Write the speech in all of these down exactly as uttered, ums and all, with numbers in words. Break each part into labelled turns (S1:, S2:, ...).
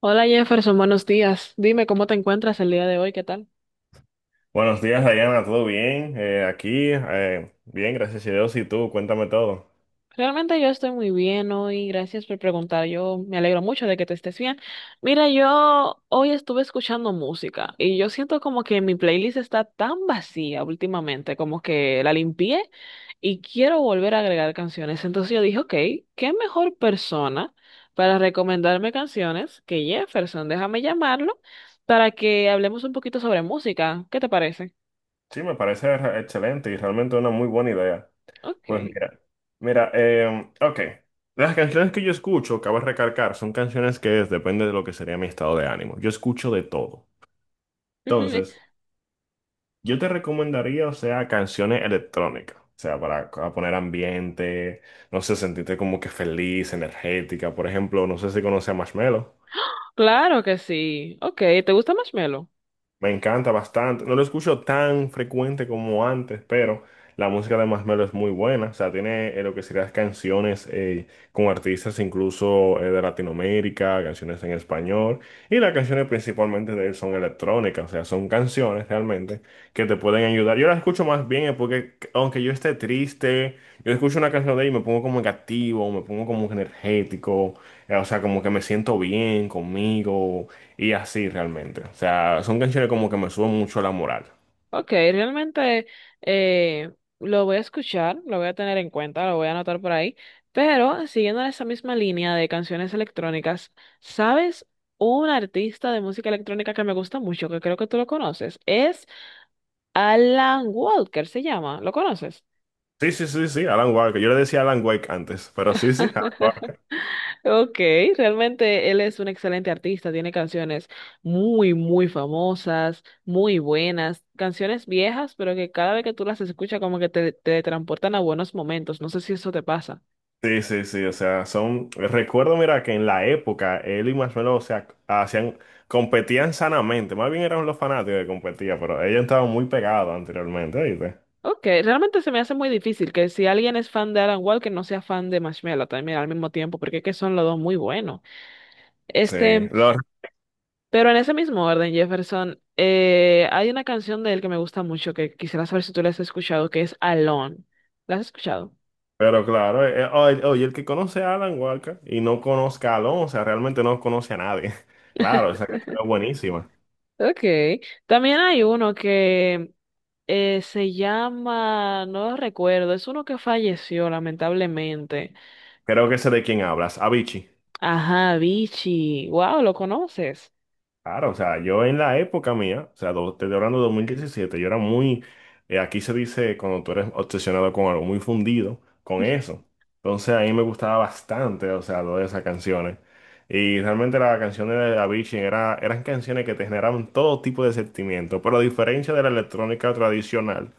S1: Hola Jefferson, buenos días. Dime cómo te encuentras el día de hoy, ¿qué tal?
S2: Buenos días, Diana, ¿todo bien? Eh, aquí, eh, bien, gracias a Dios, y tú, cuéntame todo.
S1: Realmente yo estoy muy bien hoy, gracias por preguntar. Yo me alegro mucho de que te estés bien. Mira, yo hoy estuve escuchando música y yo siento como que mi playlist está tan vacía últimamente, como que la limpié y quiero volver a agregar canciones. Entonces yo dije, ok, ¿qué mejor persona para recomendarme canciones que Jefferson? Déjame llamarlo para que hablemos un poquito sobre música. ¿Qué te parece?
S2: Sí, me parece re- excelente y realmente una muy buena idea. Pues
S1: Ok.
S2: mira, mira, eh, ok, las canciones que yo escucho, cabe recalcar, son canciones que depende de lo que sería mi estado de ánimo. Yo escucho de todo. Entonces, yo te recomendaría, o sea, canciones electrónicas, o sea, para, para poner ambiente, no sé, sentirte como que feliz, energética. Por ejemplo, no sé si conoces a Marshmello.
S1: Claro que sí. Ok, ¿te gusta Marshmello?
S2: Me encanta bastante. No lo escucho tan frecuente como antes, pero la música de Masmelo es muy buena. O sea, tiene eh, lo que serían canciones eh, con artistas incluso eh, de Latinoamérica, canciones en español. Y las canciones principalmente de él son electrónicas, o sea, son canciones realmente que te pueden ayudar. Yo las escucho más bien es porque, aunque yo esté triste, yo escucho una canción de él y me pongo como que activo, me pongo como que energético, eh, o sea, como que me siento bien conmigo y así realmente. O sea, son canciones como que me suben mucho la moral.
S1: Ok, realmente eh, lo voy a escuchar, lo voy a tener en cuenta, lo voy a anotar por ahí. Pero siguiendo esa misma línea de canciones electrónicas, ¿sabes? Un artista de música electrónica que me gusta mucho, que creo que tú lo conoces, es Alan Walker, se llama. ¿Lo conoces?
S2: Sí, sí, sí, sí, Alan Walker. Yo le decía Alan Wake antes, pero sí, sí, Alan Walker.
S1: Ok, realmente él es un excelente artista, tiene canciones muy, muy famosas, muy buenas, canciones viejas, pero que cada vez que tú las escuchas como que te, te transportan a buenos momentos, no sé si eso te pasa.
S2: Sí, sí, sí, o sea, son, recuerdo, mira, que en la época él y Marshmello, o sea, hacían, competían sanamente, más bien eran los fanáticos que competían, pero ellos estaban muy pegados anteriormente, ¿viste?
S1: Ok, realmente se me hace muy difícil que si alguien es fan de Alan Walker no sea fan de Marshmello también al mismo tiempo, porque es que son los dos muy buenos. Este,
S2: Sí, lo-
S1: pero en ese mismo orden, Jefferson, eh, hay una canción de él que me gusta mucho, que quisiera saber si tú la has escuchado, que es Alone. ¿La has escuchado?
S2: pero claro, eh, eh, oye, oye, el que conoce a Alan Walker y no conozca a Alonso, o sea, realmente no conoce a nadie. Claro, esa canción es buenísima.
S1: Okay. También hay uno que eh, se llama, no lo recuerdo, es uno que falleció lamentablemente.
S2: Creo que sé de quién hablas, Avicii.
S1: Ajá, Vichy. Wow, ¿lo conoces?
S2: Claro, o sea, yo en la época mía, o sea, do- te estoy hablando de dos mil diecisiete, yo era muy, eh, aquí se dice cuando tú eres obsesionado con algo, muy fundido con eso. Entonces a mí me gustaba bastante, o sea, todas esas canciones. Y realmente las canciones de Avicii era, eran canciones que te generaban todo tipo de sentimientos, pero a diferencia de la electrónica tradicional,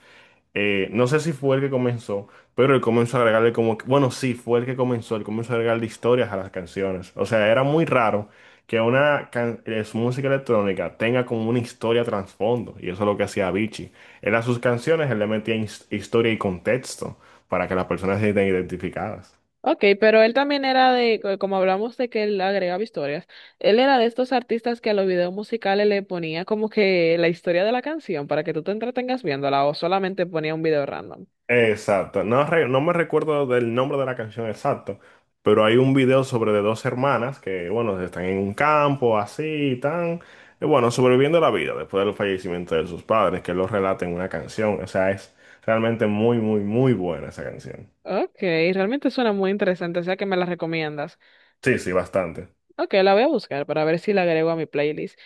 S2: eh, no sé si fue el que comenzó, pero él comenzó a agregarle como, que- bueno, sí, fue el que comenzó, él comenzó a agregarle historias a las canciones. O sea, era muy raro que una can- eh, su música electrónica tenga como una historia trasfondo, y eso es lo que hacía Avicii. Él a sus canciones, él le metía his- historia y contexto para que las personas se sientan identificadas.
S1: Ok, pero él también era de, co- como hablamos de que él agregaba historias, él era de estos artistas que a los videos musicales le ponía como que la historia de la canción para que tú te entretengas viéndola o solamente ponía un video random.
S2: Exacto, no, re- no me recuerdo del nombre de la canción exacto, pero hay un video sobre de dos hermanas que, bueno, están en un campo así y tan, y bueno, sobreviviendo la vida después del fallecimiento de sus padres, que lo relata en una canción, o sea, es realmente muy, muy, muy buena esa canción.
S1: Ok, realmente suena muy interesante, o sea que me la recomiendas.
S2: Sí, sí, bastante.
S1: Ok, la voy a buscar para ver si la agrego a mi playlist.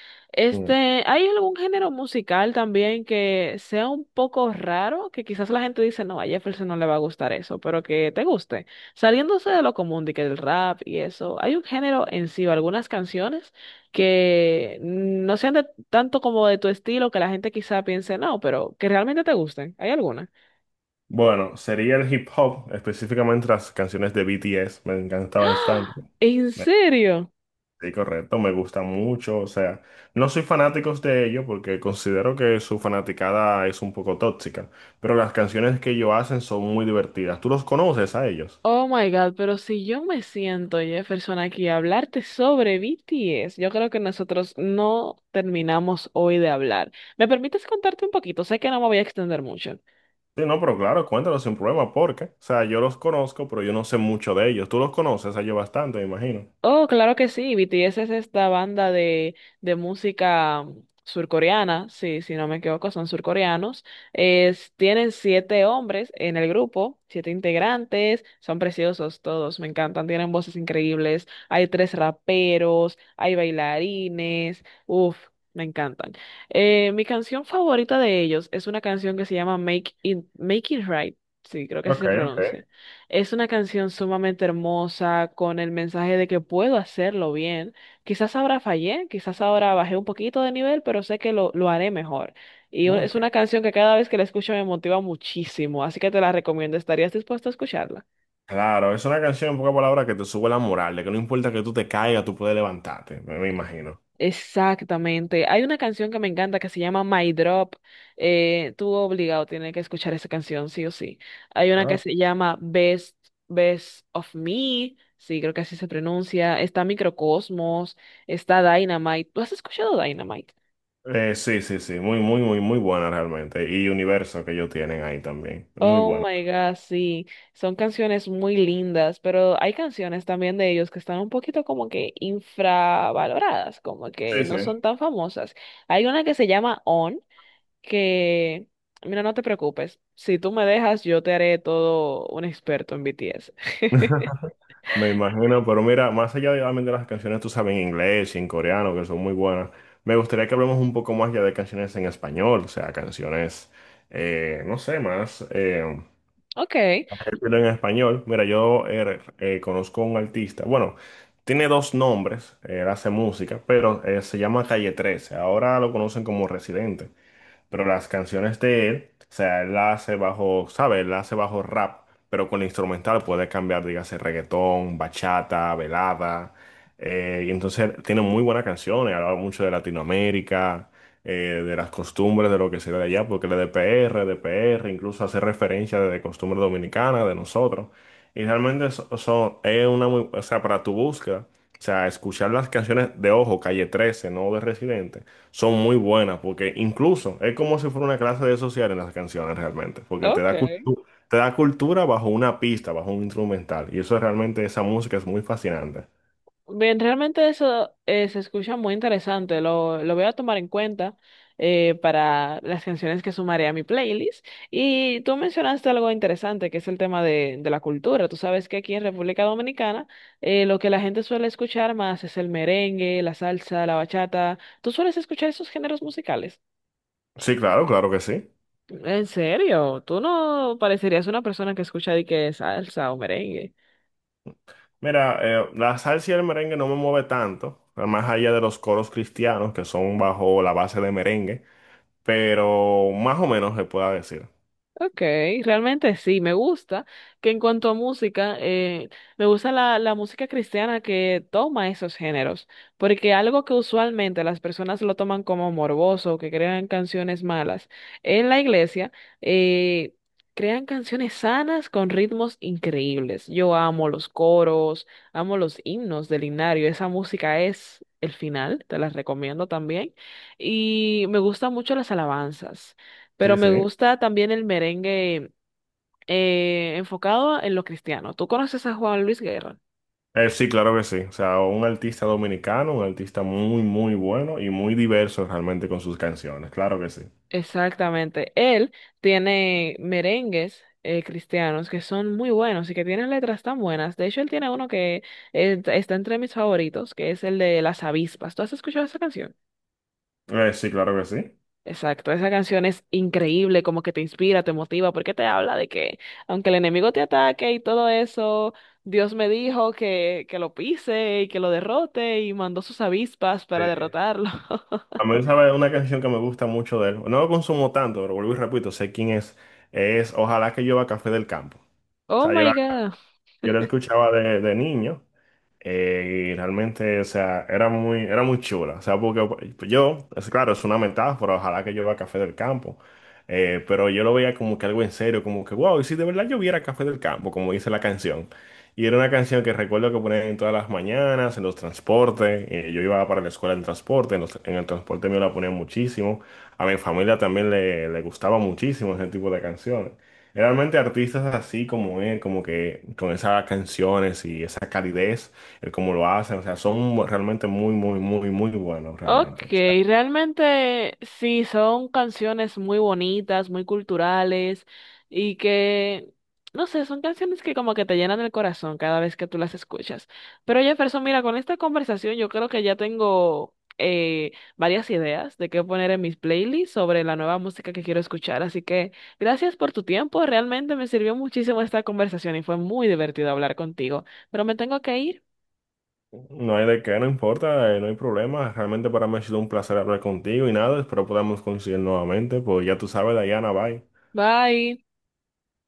S2: Mm.
S1: Este, ¿hay algún género musical también que sea un poco raro? Que quizás la gente dice, no, a Jefferson no le va a gustar eso, pero que te guste. Saliéndose de lo común, de que el rap y eso, ¿hay un género en sí o algunas canciones que no sean de, tanto como de tu estilo que la gente quizá piense, no, pero que realmente te gusten? ¿Hay alguna?
S2: Bueno, sería el hip hop, específicamente las canciones de B T S, me encanta
S1: ¡Ah!
S2: bastante.
S1: ¿En serio?
S2: Sí, correcto, me gusta mucho, o sea, no soy fanático de ellos porque considero que su fanaticada es un poco tóxica, pero las canciones que ellos hacen son muy divertidas. ¿Tú los conoces a ellos?
S1: Oh my God, pero si yo me siento, Jefferson, aquí a hablarte sobre B T S, yo creo que nosotros no terminamos hoy de hablar. ¿Me permites contarte un poquito? Sé que no me voy a extender mucho.
S2: Sí, no, pero claro, cuéntanos sin problema, porque, o sea, yo los conozco, pero yo no sé mucho de ellos. Tú los conoces a ellos bastante, me imagino.
S1: Oh, claro que sí. B T S es esta banda de, de música surcoreana, sí, si no me equivoco, son surcoreanos. Es, tienen siete hombres en el grupo, siete integrantes, son preciosos todos, me encantan, tienen voces increíbles. Hay tres raperos, hay bailarines, uff, me encantan. Eh, mi canción favorita de ellos es una canción que se llama Make It, Make It Right, sí, creo que así
S2: Ok,
S1: se
S2: ok.
S1: pronuncia. Es una canción sumamente hermosa, con el mensaje de que puedo hacerlo bien. Quizás ahora fallé, quizás ahora bajé un poquito de nivel, pero sé que lo, lo haré mejor. Y u- es una
S2: Ok.
S1: canción que cada vez que la escucho me motiva muchísimo, así que te la recomiendo. ¿Estarías dispuesto a escucharla?
S2: Claro, es una canción en pocas palabras que te sube la moral, de que no importa que tú te caigas, tú puedes levantarte, me me imagino.
S1: Exactamente. Hay una canción que me encanta que se llama My Drop. Eh, tú obligado tienes que escuchar esa canción, sí o sí. Hay una que se llama Best, Best of Me. Sí, creo que así se pronuncia. Está Microcosmos, está Dynamite. ¿Tú has escuchado Dynamite?
S2: Eh, sí, sí, sí, muy, muy, muy, muy buena realmente. Y universo que ellos tienen ahí también. Muy
S1: Oh
S2: bueno.
S1: my God, sí. Son canciones muy lindas, pero hay canciones también de ellos que están un poquito como que infravaloradas, como
S2: Sí,
S1: que
S2: sí.
S1: no son tan famosas. Hay una que se llama On. Que, mira, no te preocupes, si tú me dejas, yo te haré todo un experto en B T S.
S2: Me imagino, pero mira, más allá de obviamente, las canciones, tú sabes, en inglés y en coreano, que son muy buenas, me gustaría que hablemos un poco más ya de canciones en español, o sea, canciones, eh, no sé, más, eh,
S1: Ok,
S2: pero en español. Mira, yo eh, eh, conozco un artista, bueno, tiene dos nombres, él hace música, pero eh, se llama Calle trece, ahora lo conocen como Residente. Pero las canciones de él, o sea, él la hace bajo, ¿sabes? Él la hace bajo rap, pero con la instrumental puede cambiar, dígase, reggaetón, bachata, velada. Eh, y entonces tiene muy buenas canciones, habla mucho de Latinoamérica, eh, de las costumbres, de lo que se ve de allá, porque él es de P R, de P R, incluso hace referencia de costumbres dominicanas, de nosotros. Y realmente eso, eso es una muy, o sea, para tu búsqueda, o sea, escuchar las canciones de Ojo, Calle trece, no de Residente, son muy buenas, porque incluso es como si fuera una clase de social en las canciones realmente, porque te
S1: ok.
S2: da, cul- te da cultura bajo una pista, bajo un instrumental, y eso es realmente, esa música es muy fascinante.
S1: Bien, realmente eso eh, se escucha muy interesante. Lo, lo voy a tomar en cuenta eh, para las canciones que sumaré a mi playlist. Y tú mencionaste algo interesante, que es el tema de, de la cultura. Tú sabes que aquí en República Dominicana eh, lo que la gente suele escuchar más es el merengue, la salsa, la bachata. ¿Tú sueles escuchar esos géneros musicales?
S2: Sí, claro, claro que sí.
S1: ¿En serio? Tú no parecerías una persona que escucha de que salsa o merengue.
S2: Mira, eh, la salsa y el merengue no me mueve tanto, más allá de los coros cristianos que son bajo la base de merengue, pero más o menos se pueda decir.
S1: Ok, realmente sí, me gusta que en cuanto a música, eh, me gusta la, la música cristiana que toma esos géneros, porque algo que usualmente las personas lo toman como morboso, que crean canciones malas, en la iglesia eh, crean canciones sanas con ritmos increíbles. Yo amo los coros, amo los himnos del himnario, esa música es el final, te las recomiendo también, y me gustan mucho las alabanzas. Pero
S2: Sí, sí.
S1: me gusta también el merengue eh, enfocado en lo cristiano. ¿Tú conoces a Juan Luis Guerra?
S2: Eh, sí, claro que sí. O sea, un artista dominicano, un artista muy, muy bueno y muy diverso realmente con sus canciones. Claro que sí.
S1: Exactamente. Él tiene merengues eh, cristianos que son muy buenos y que tienen letras tan buenas. De hecho, él tiene uno que eh, está entre mis favoritos, que es el de Las Avispas. ¿Tú has escuchado esa canción?
S2: Eh, sí, claro que sí.
S1: Exacto, esa canción es increíble, como que te inspira, te motiva, porque te habla de que aunque el enemigo te ataque y todo eso, Dios me dijo que, que lo pise y que lo derrote y mandó sus avispas para
S2: Sí.
S1: derrotarlo.
S2: A mí, sabe una canción que me gusta mucho de él. No lo consumo tanto, pero vuelvo y repito, sé quién es. Es Ojalá que llueva café del campo. O
S1: Oh
S2: sea, yo
S1: my
S2: la,
S1: God.
S2: yo la escuchaba de, de niño. Eh, y realmente, o sea, era muy, era muy chula. O sea, porque pues, yo, es claro, es una metáfora, ojalá que llueva café del campo. Eh, pero yo lo veía como que algo en serio, como que, wow, y si de verdad lloviera café del campo, como dice la canción. Y era una canción que recuerdo que ponían en todas las mañanas, en los transportes. Eh, yo iba para la escuela en transporte, en, los- en el transporte me la ponían muchísimo. A mi familia también le, le gustaba muchísimo ese tipo de canciones. Realmente artistas así como él, como que con esas canciones y esa calidez el cómo lo hacen, o sea, son realmente muy, muy, muy, muy buenos,
S1: Ok,
S2: realmente. O sea,
S1: realmente sí, son canciones muy bonitas, muy culturales y que, no sé, son canciones que como que te llenan el corazón cada vez que tú las escuchas. Pero Jefferson, mira, con esta conversación yo creo que ya tengo eh, varias ideas de qué poner en mis playlists sobre la nueva música que quiero escuchar. Así que gracias por tu tiempo, realmente me sirvió muchísimo esta conversación y fue muy divertido hablar contigo. Pero me tengo que ir.
S2: no hay de qué, no importa, eh, no hay problema. Realmente para mí ha sido un placer hablar contigo y nada, espero podamos coincidir nuevamente, pues ya tú sabes, Dayana, bye.
S1: Bye.